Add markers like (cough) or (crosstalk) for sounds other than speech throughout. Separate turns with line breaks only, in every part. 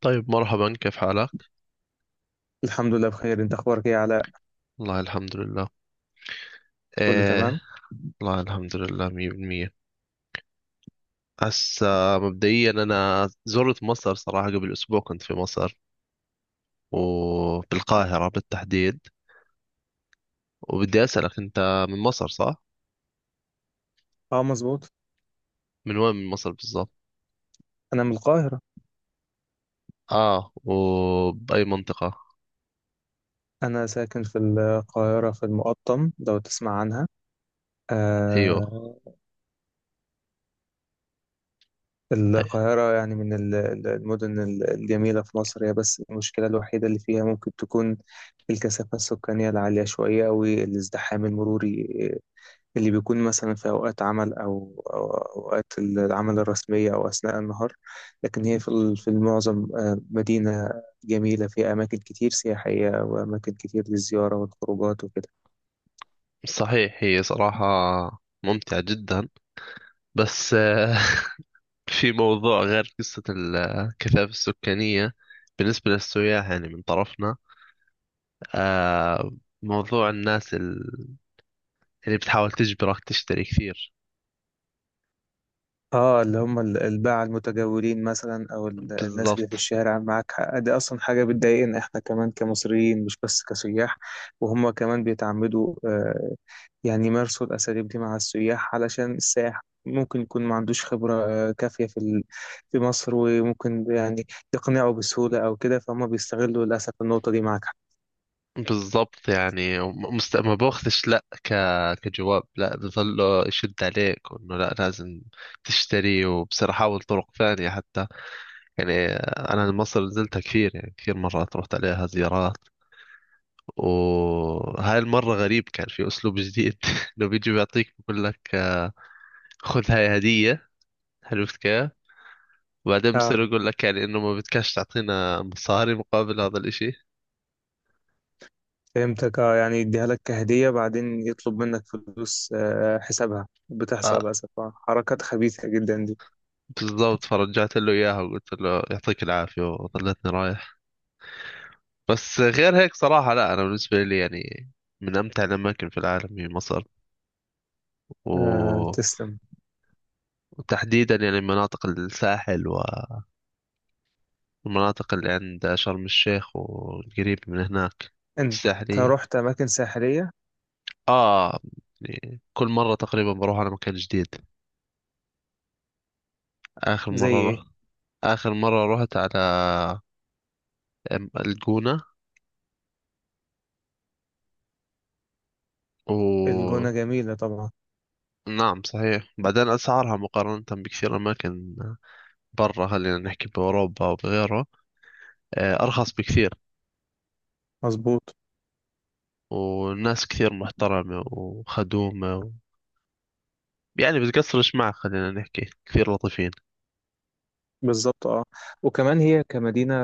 طيب، مرحبا. كيف حالك؟
الحمد لله بخير، انت اخبارك ايه يا علاء؟
والله الحمد لله.
كله
ايه،
تمام.
والله الحمد لله مية بالمية. هسا مبدئيا أنا زرت مصر، صراحة قبل أسبوع كنت في مصر، وبالقاهرة بالتحديد. وبدي أسألك، أنت من مصر صح؟
اه مظبوط.
من وين من مصر بالضبط؟
انا من القاهرة.
آه، وبأي منطقة؟
انا ساكن في القاهرة في المقطم لو تسمع عنها.
أيوه.
آه. القاهرة يعني من المدن الجميلة في مصر، هي بس المشكلة الوحيدة اللي فيها ممكن تكون الكثافة السكانية العالية شوية أو الازدحام المروري اللي بيكون مثلا في أوقات عمل أو أوقات العمل الرسمية أو أثناء النهار. لكن هي في في المعظم مدينة جميلة فيها أماكن كتير سياحية وأماكن كتير للزيارة والخروجات وكده.
صحيح، هي صراحة ممتعة جدا. بس (laughs) في موضوع غير قصة الكثافة السكانية، بالنسبة للسياح يعني من طرفنا. آه موضوع الناس اللي بتحاول تجبرك تشتري كثير.
اه، اللي هم الباعة المتجولين مثلا او الناس اللي في
بالضبط
الشارع معاك حق، دي اصلا حاجة بتضايقنا احنا كمان كمصريين مش بس كسياح. وهم كمان بيتعمدوا يعني يمارسوا الاساليب دي مع السياح، علشان السائح ممكن يكون ما عندوش خبرة كافية في في مصر، وممكن يعني يقنعه بسهولة او كده، فهم بيستغلوا للاسف النقطة دي معاك حق.
بالضبط يعني، ما باخذش لا كجواب. لا، بظله يشد عليك وانه لا، لازم تشتري، وبصير احاول طرق ثانية حتى يعني. انا مصر نزلتها كثير، يعني كثير مرات رحت عليها زيارات. وهاي المرة غريب، كان في اسلوب جديد (laughs) لو بيجي بيعطيك بقول لك خذ هاي هدية، عرفت كيف؟ وبعدين بصير
اه
يقول لك يعني انه ما بدكش تعطينا مصاري مقابل هذا الاشي.
فهمتك، اه يعني يديها لك كهدية بعدين يطلب منك فلوس حسابها،
آه
بتحصل للأسف حركات خبيثة جدا دي.
بالضبط. فرجعت له اياها وقلت له يعطيك العافية وظلتني رايح. بس غير هيك صراحة، لا انا بالنسبة لي يعني، من امتع الاماكن في العالم هي مصر.
آه
و...
تسلم.
وتحديدا يعني مناطق الساحل، والمناطق اللي عند شرم الشيخ والقريب من هناك،
انت
الساحلية.
رحت اماكن ساحلية؟
اه، يعني كل مرة تقريبا بروح على مكان جديد. اخر
زي
مرة
ايه؟
رحت، آخر مرة رحت على الجونة و
الجونة جميلة طبعا.
نعم صحيح. بعدين أسعارها مقارنة بكثير أماكن برا، خلينا نحكي بأوروبا أو بغيره، أرخص بكثير.
مظبوط.
والناس كثير محترمة وخدومة يعني بتقصرش معك، خلينا نحكي كثير لطيفين.
بالظبط اه. وكمان هي كمدينة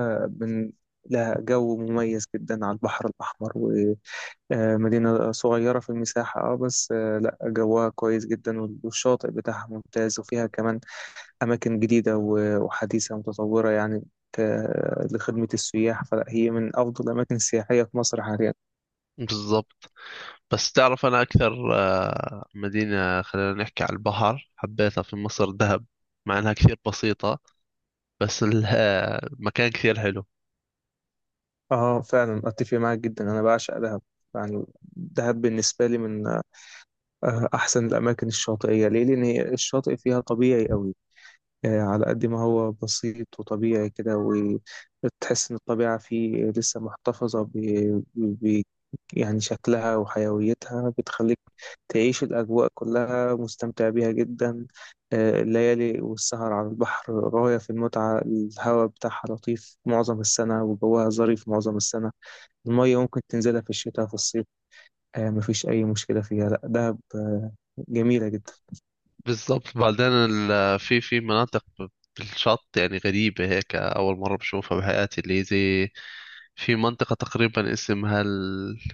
من لها جو مميز جدا على البحر الأحمر، ومدينة صغيرة في المساحة اه، بس آه لا جوها كويس جدا، والشاطئ بتاعها ممتاز، وفيها كمان أماكن جديدة وحديثة ومتطورة يعني ك- لخدمة السياح، فلا هي من أفضل الأماكن السياحية في مصر حاليا.
بالضبط. بس تعرف، أنا أكثر مدينة خلينا نحكي على البحر حبيتها في مصر دهب، مع أنها كثير بسيطة. بس (laughs) مكان كثير حلو.
اه فعلا اتفق معاك جدا، انا بعشق دهب. يعني دهب بالنسبه لي من احسن الاماكن الشاطئيه ليه، لان هي الشاطئ فيها طبيعي قوي. على قد ما هو بسيط وطبيعي كده، وتحس ان الطبيعه فيه لسه محتفظه ب... يعني شكلها وحيويتها، بتخليك تعيش الاجواء كلها مستمتع بيها جدا. الليالي والسهر على البحر غايه في المتعه، الهواء بتاعها لطيف معظم السنه وجوها ظريف معظم السنه. المية ممكن تنزلها في الشتاء في الصيف، آه مفيش أي مشكلة فيها. لأ دهب آه جميلة جدا.
بالظبط. بعدين في مناطق بالشط، يعني غريبة هيك أول مرة بشوفها بحياتي، اللي زي في منطقة تقريبا اسمها الإشي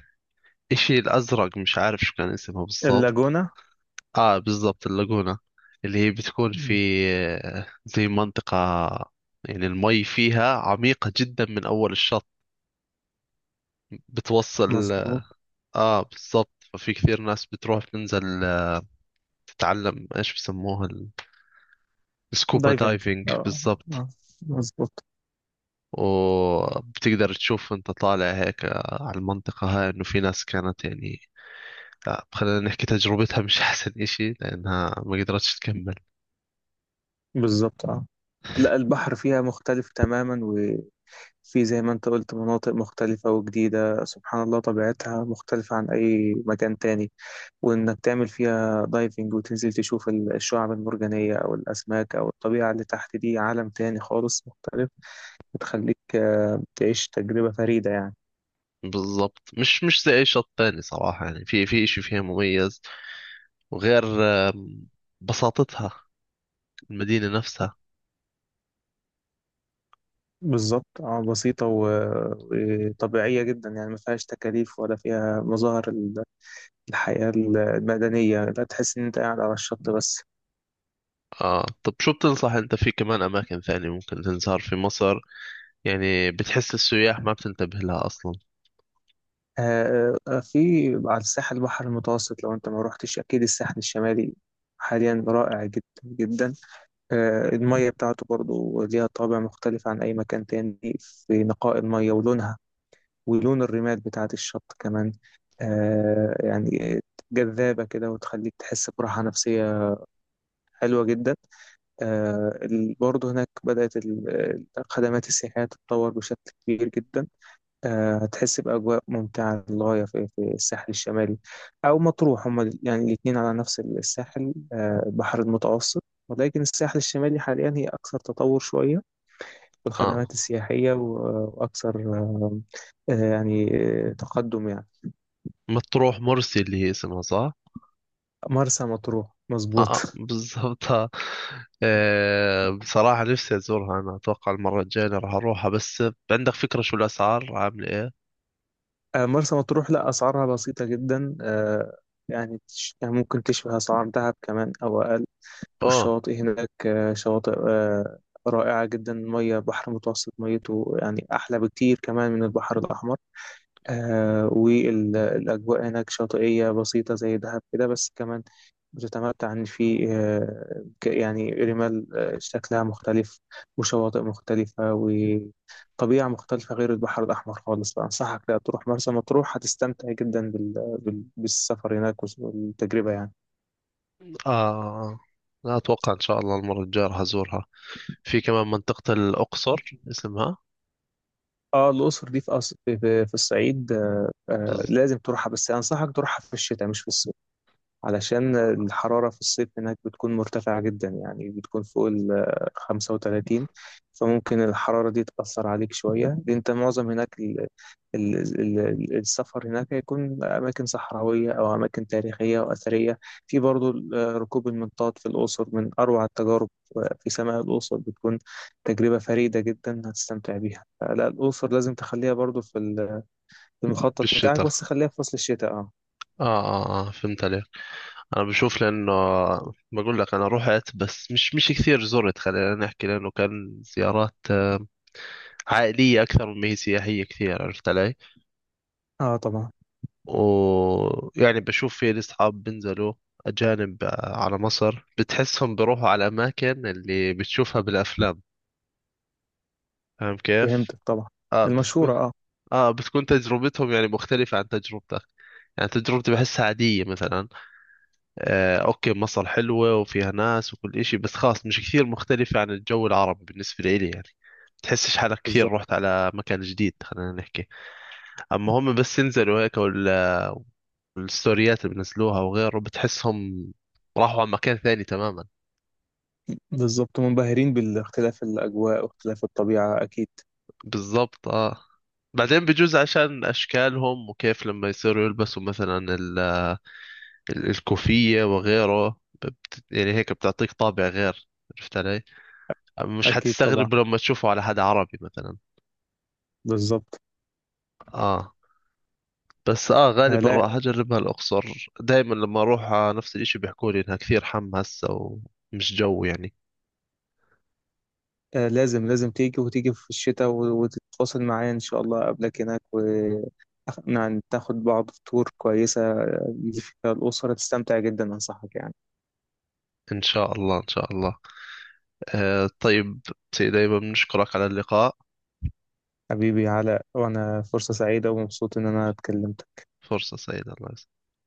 الأزرق، مش عارف شو كان اسمها بالضبط.
اللاجونة.
آه بالضبط، اللاجونة. اللي هي بتكون في
مم.
زي منطقة يعني، المي فيها عميقة جدا من أول الشط بتوصل.
مظبوط.
آه بالضبط. ففي كثير ناس بتروح تنزل تتعلم إيش بسموها، السكوبا
دايفنج.
دايفنج.
اه.
بالضبط.
آه، مظبوط.
وبتقدر تشوف، انت طالع هيك على المنطقة هاي، انه في ناس كانت يعني، لا، خلينا نحكي تجربتها مش (laughs) احسن اشي لانها ما قدرتش تكمل.
بالظبط اه. لا البحر فيها مختلف تماما، وفي زي ما انت قلت مناطق مختلفة وجديدة، سبحان الله طبيعتها مختلفة عن أي مكان تاني. وإنك تعمل فيها دايفنج وتنزل تشوف الشعاب المرجانية أو الأسماك أو الطبيعة اللي تحت، دي عالم تاني خالص مختلف، بتخليك تعيش تجربة فريدة يعني.
بالضبط. مش زي اي شط تاني صراحة، يعني في اشي فيها مميز، وغير آم، بساطتها، المدينة نفسها.
بالظبط اه، بسيطة وطبيعية جدا، يعني ما فيهاش تكاليف ولا فيها مظاهر الحياة المدنية، لا تحس إن أنت قاعد على الشط بس.
آه طب، شو بتنصح انت في كمان اماكن ثانية ممكن تنزار في مصر؟ يعني بتحس السياح ما بتنتبه لها اصلا.
في على الساحل البحر المتوسط لو أنت ما روحتش أكيد، الساحل الشمالي حاليا رائع جدا جدا. المية بتاعته برضو ليها طابع مختلف عن أي مكان تاني، في نقاء المية ولونها ولون الرمال بتاعت الشط كمان. آه يعني جذابة كده وتخليك تحس براحة نفسية، حلوة جدا. آه برضه هناك بدأت الخدمات السياحية تتطور بشكل كبير جدا. آه هتحس بأجواء ممتعة للغاية في الساحل الشمالي أو مطروح، هما يعني الاتنين على نفس الساحل آه البحر المتوسط، ولكن الساحل الشمالي حاليا هي أكثر تطور شوية في
اه،
الخدمات السياحية وأكثر آه، يعني تقدم يعني.
مطروح، مرسي اللي هي اسمها صح؟
مرسى مطروح مظبوط
(laughs)
(laughs)
بالضبط آه. بصراحة نفسي أزورها، أنا أتوقع المرة الجاية راح أروحها. بس عندك فكرة شو الأسعار عاملة إيه؟
مرسى مطروح لا أسعارها بسيطة جدا، يعني ممكن تشبه أسعار دهب كمان أو أقل.
أوه.
والشواطئ هناك شواطئ رائعة جدا، مية بحر متوسط ميته يعني أحلى بكتير كمان من البحر الأحمر. آه والأجواء هناك شاطئية بسيطة زي دهب كده، بس كمان بتتمتع إن في يعني رمال شكلها مختلف، وشواطئ مختلفة وطبيعة مختلفة غير البحر الأحمر خالص. فأنصحك لا تروح مرسى مطروح، هتستمتع جدا بالسفر هناك والتجربة يعني.
آه لا، أتوقع إن شاء الله المرة الجاية راح أزورها. في كمان منطقة الأقصر اسمها.
اه الأقصر دي في في في الصعيد، آه آه
بز-
لازم تروحها، بس أنصحك تروحها في الشتاء مش في الصيف، علشان الحرارة في الصيف هناك بتكون مرتفعة جدا، يعني بتكون فوق ال 35، فممكن الحرارة دي تأثر عليك شوية. دي انت معظم هناك السفر هناك هيكون أماكن صحراوية أو أماكن تاريخية وأثرية. في برضو ركوب المنطاد في الأقصر، من أروع التجارب في سماء الأقصر، بتكون تجربة فريدة جدا هتستمتع بيها. لا الأقصر لازم تخليها برضو في في المخطط بتاعك،
بالشتاء.
بس خليها في فصل الشتاء اه.
آه، فهمت عليك. أنا بشوف لأنه، بقول لك أنا رحت بس مش كثير زرت، خلينا نحكي لأنه كان زيارات عائلية أكثر مما هي سياحية كثير، عرفت علي؟
اه طبعا.
ويعني بشوف في لي أصحاب بينزلوا أجانب على مصر، بتحسهم بيروحوا على الأماكن اللي بتشوفها بالأفلام، فاهم كيف؟
فهمتك طبعا.
آه
المشهورة
بتكون
اه.
بتكون تجربتهم يعني مختلفة عن تجربتك. يعني تجربتي بحسها عادية مثلا، آه أوكي مصر حلوة وفيها ناس وكل إشي، بس خلاص مش كثير مختلفة عن الجو العربي بالنسبة لي يعني. بتحسش حالك كثير
بالظبط.
رحت على مكان جديد، خلينا نحكي. أما هم بس ينزلوا هيك، الستوريات اللي بنزلوها وغيره، بتحسهم راحوا على مكان ثاني تماما.
بالظبط منبهرين بالاختلاف الأجواء واختلاف الطبيعة أكيد.
بالضبط اه. بعدين بجوز عشان اشكالهم، وكيف لما يصيروا يلبسوا مثلا الكوفية وغيره، يعني هيك بتعطيك طابع غير، عرفت علي؟ مش
أكيد طبعا.
حتستغرب لما تشوفه على حد عربي مثلا.
بالظبط.
اه. بس اه
آه
غالبا
لا،
راح اجربها الاقصر، دائما لما اروح نفس الاشي بيحكوا لي انها كثير حم هسه ومش جو يعني.
آه لازم لازم تيجي وتيجي في الشتاء وتتواصل معايا إن شاء الله قبلك هناك، وناخد بعض في تور كويسة اللي فيها الأسرة تستمتع جدا، أنصحك يعني.
ان شاء الله ان شاء الله. طيب، سيدي أيمن نشكرك على اللقاء.
حبيبي علاء، وأنا فرصة سعيدة ومبسوط إن أنا اتكلمت.
فرصة سعيدة، الله يسعدك.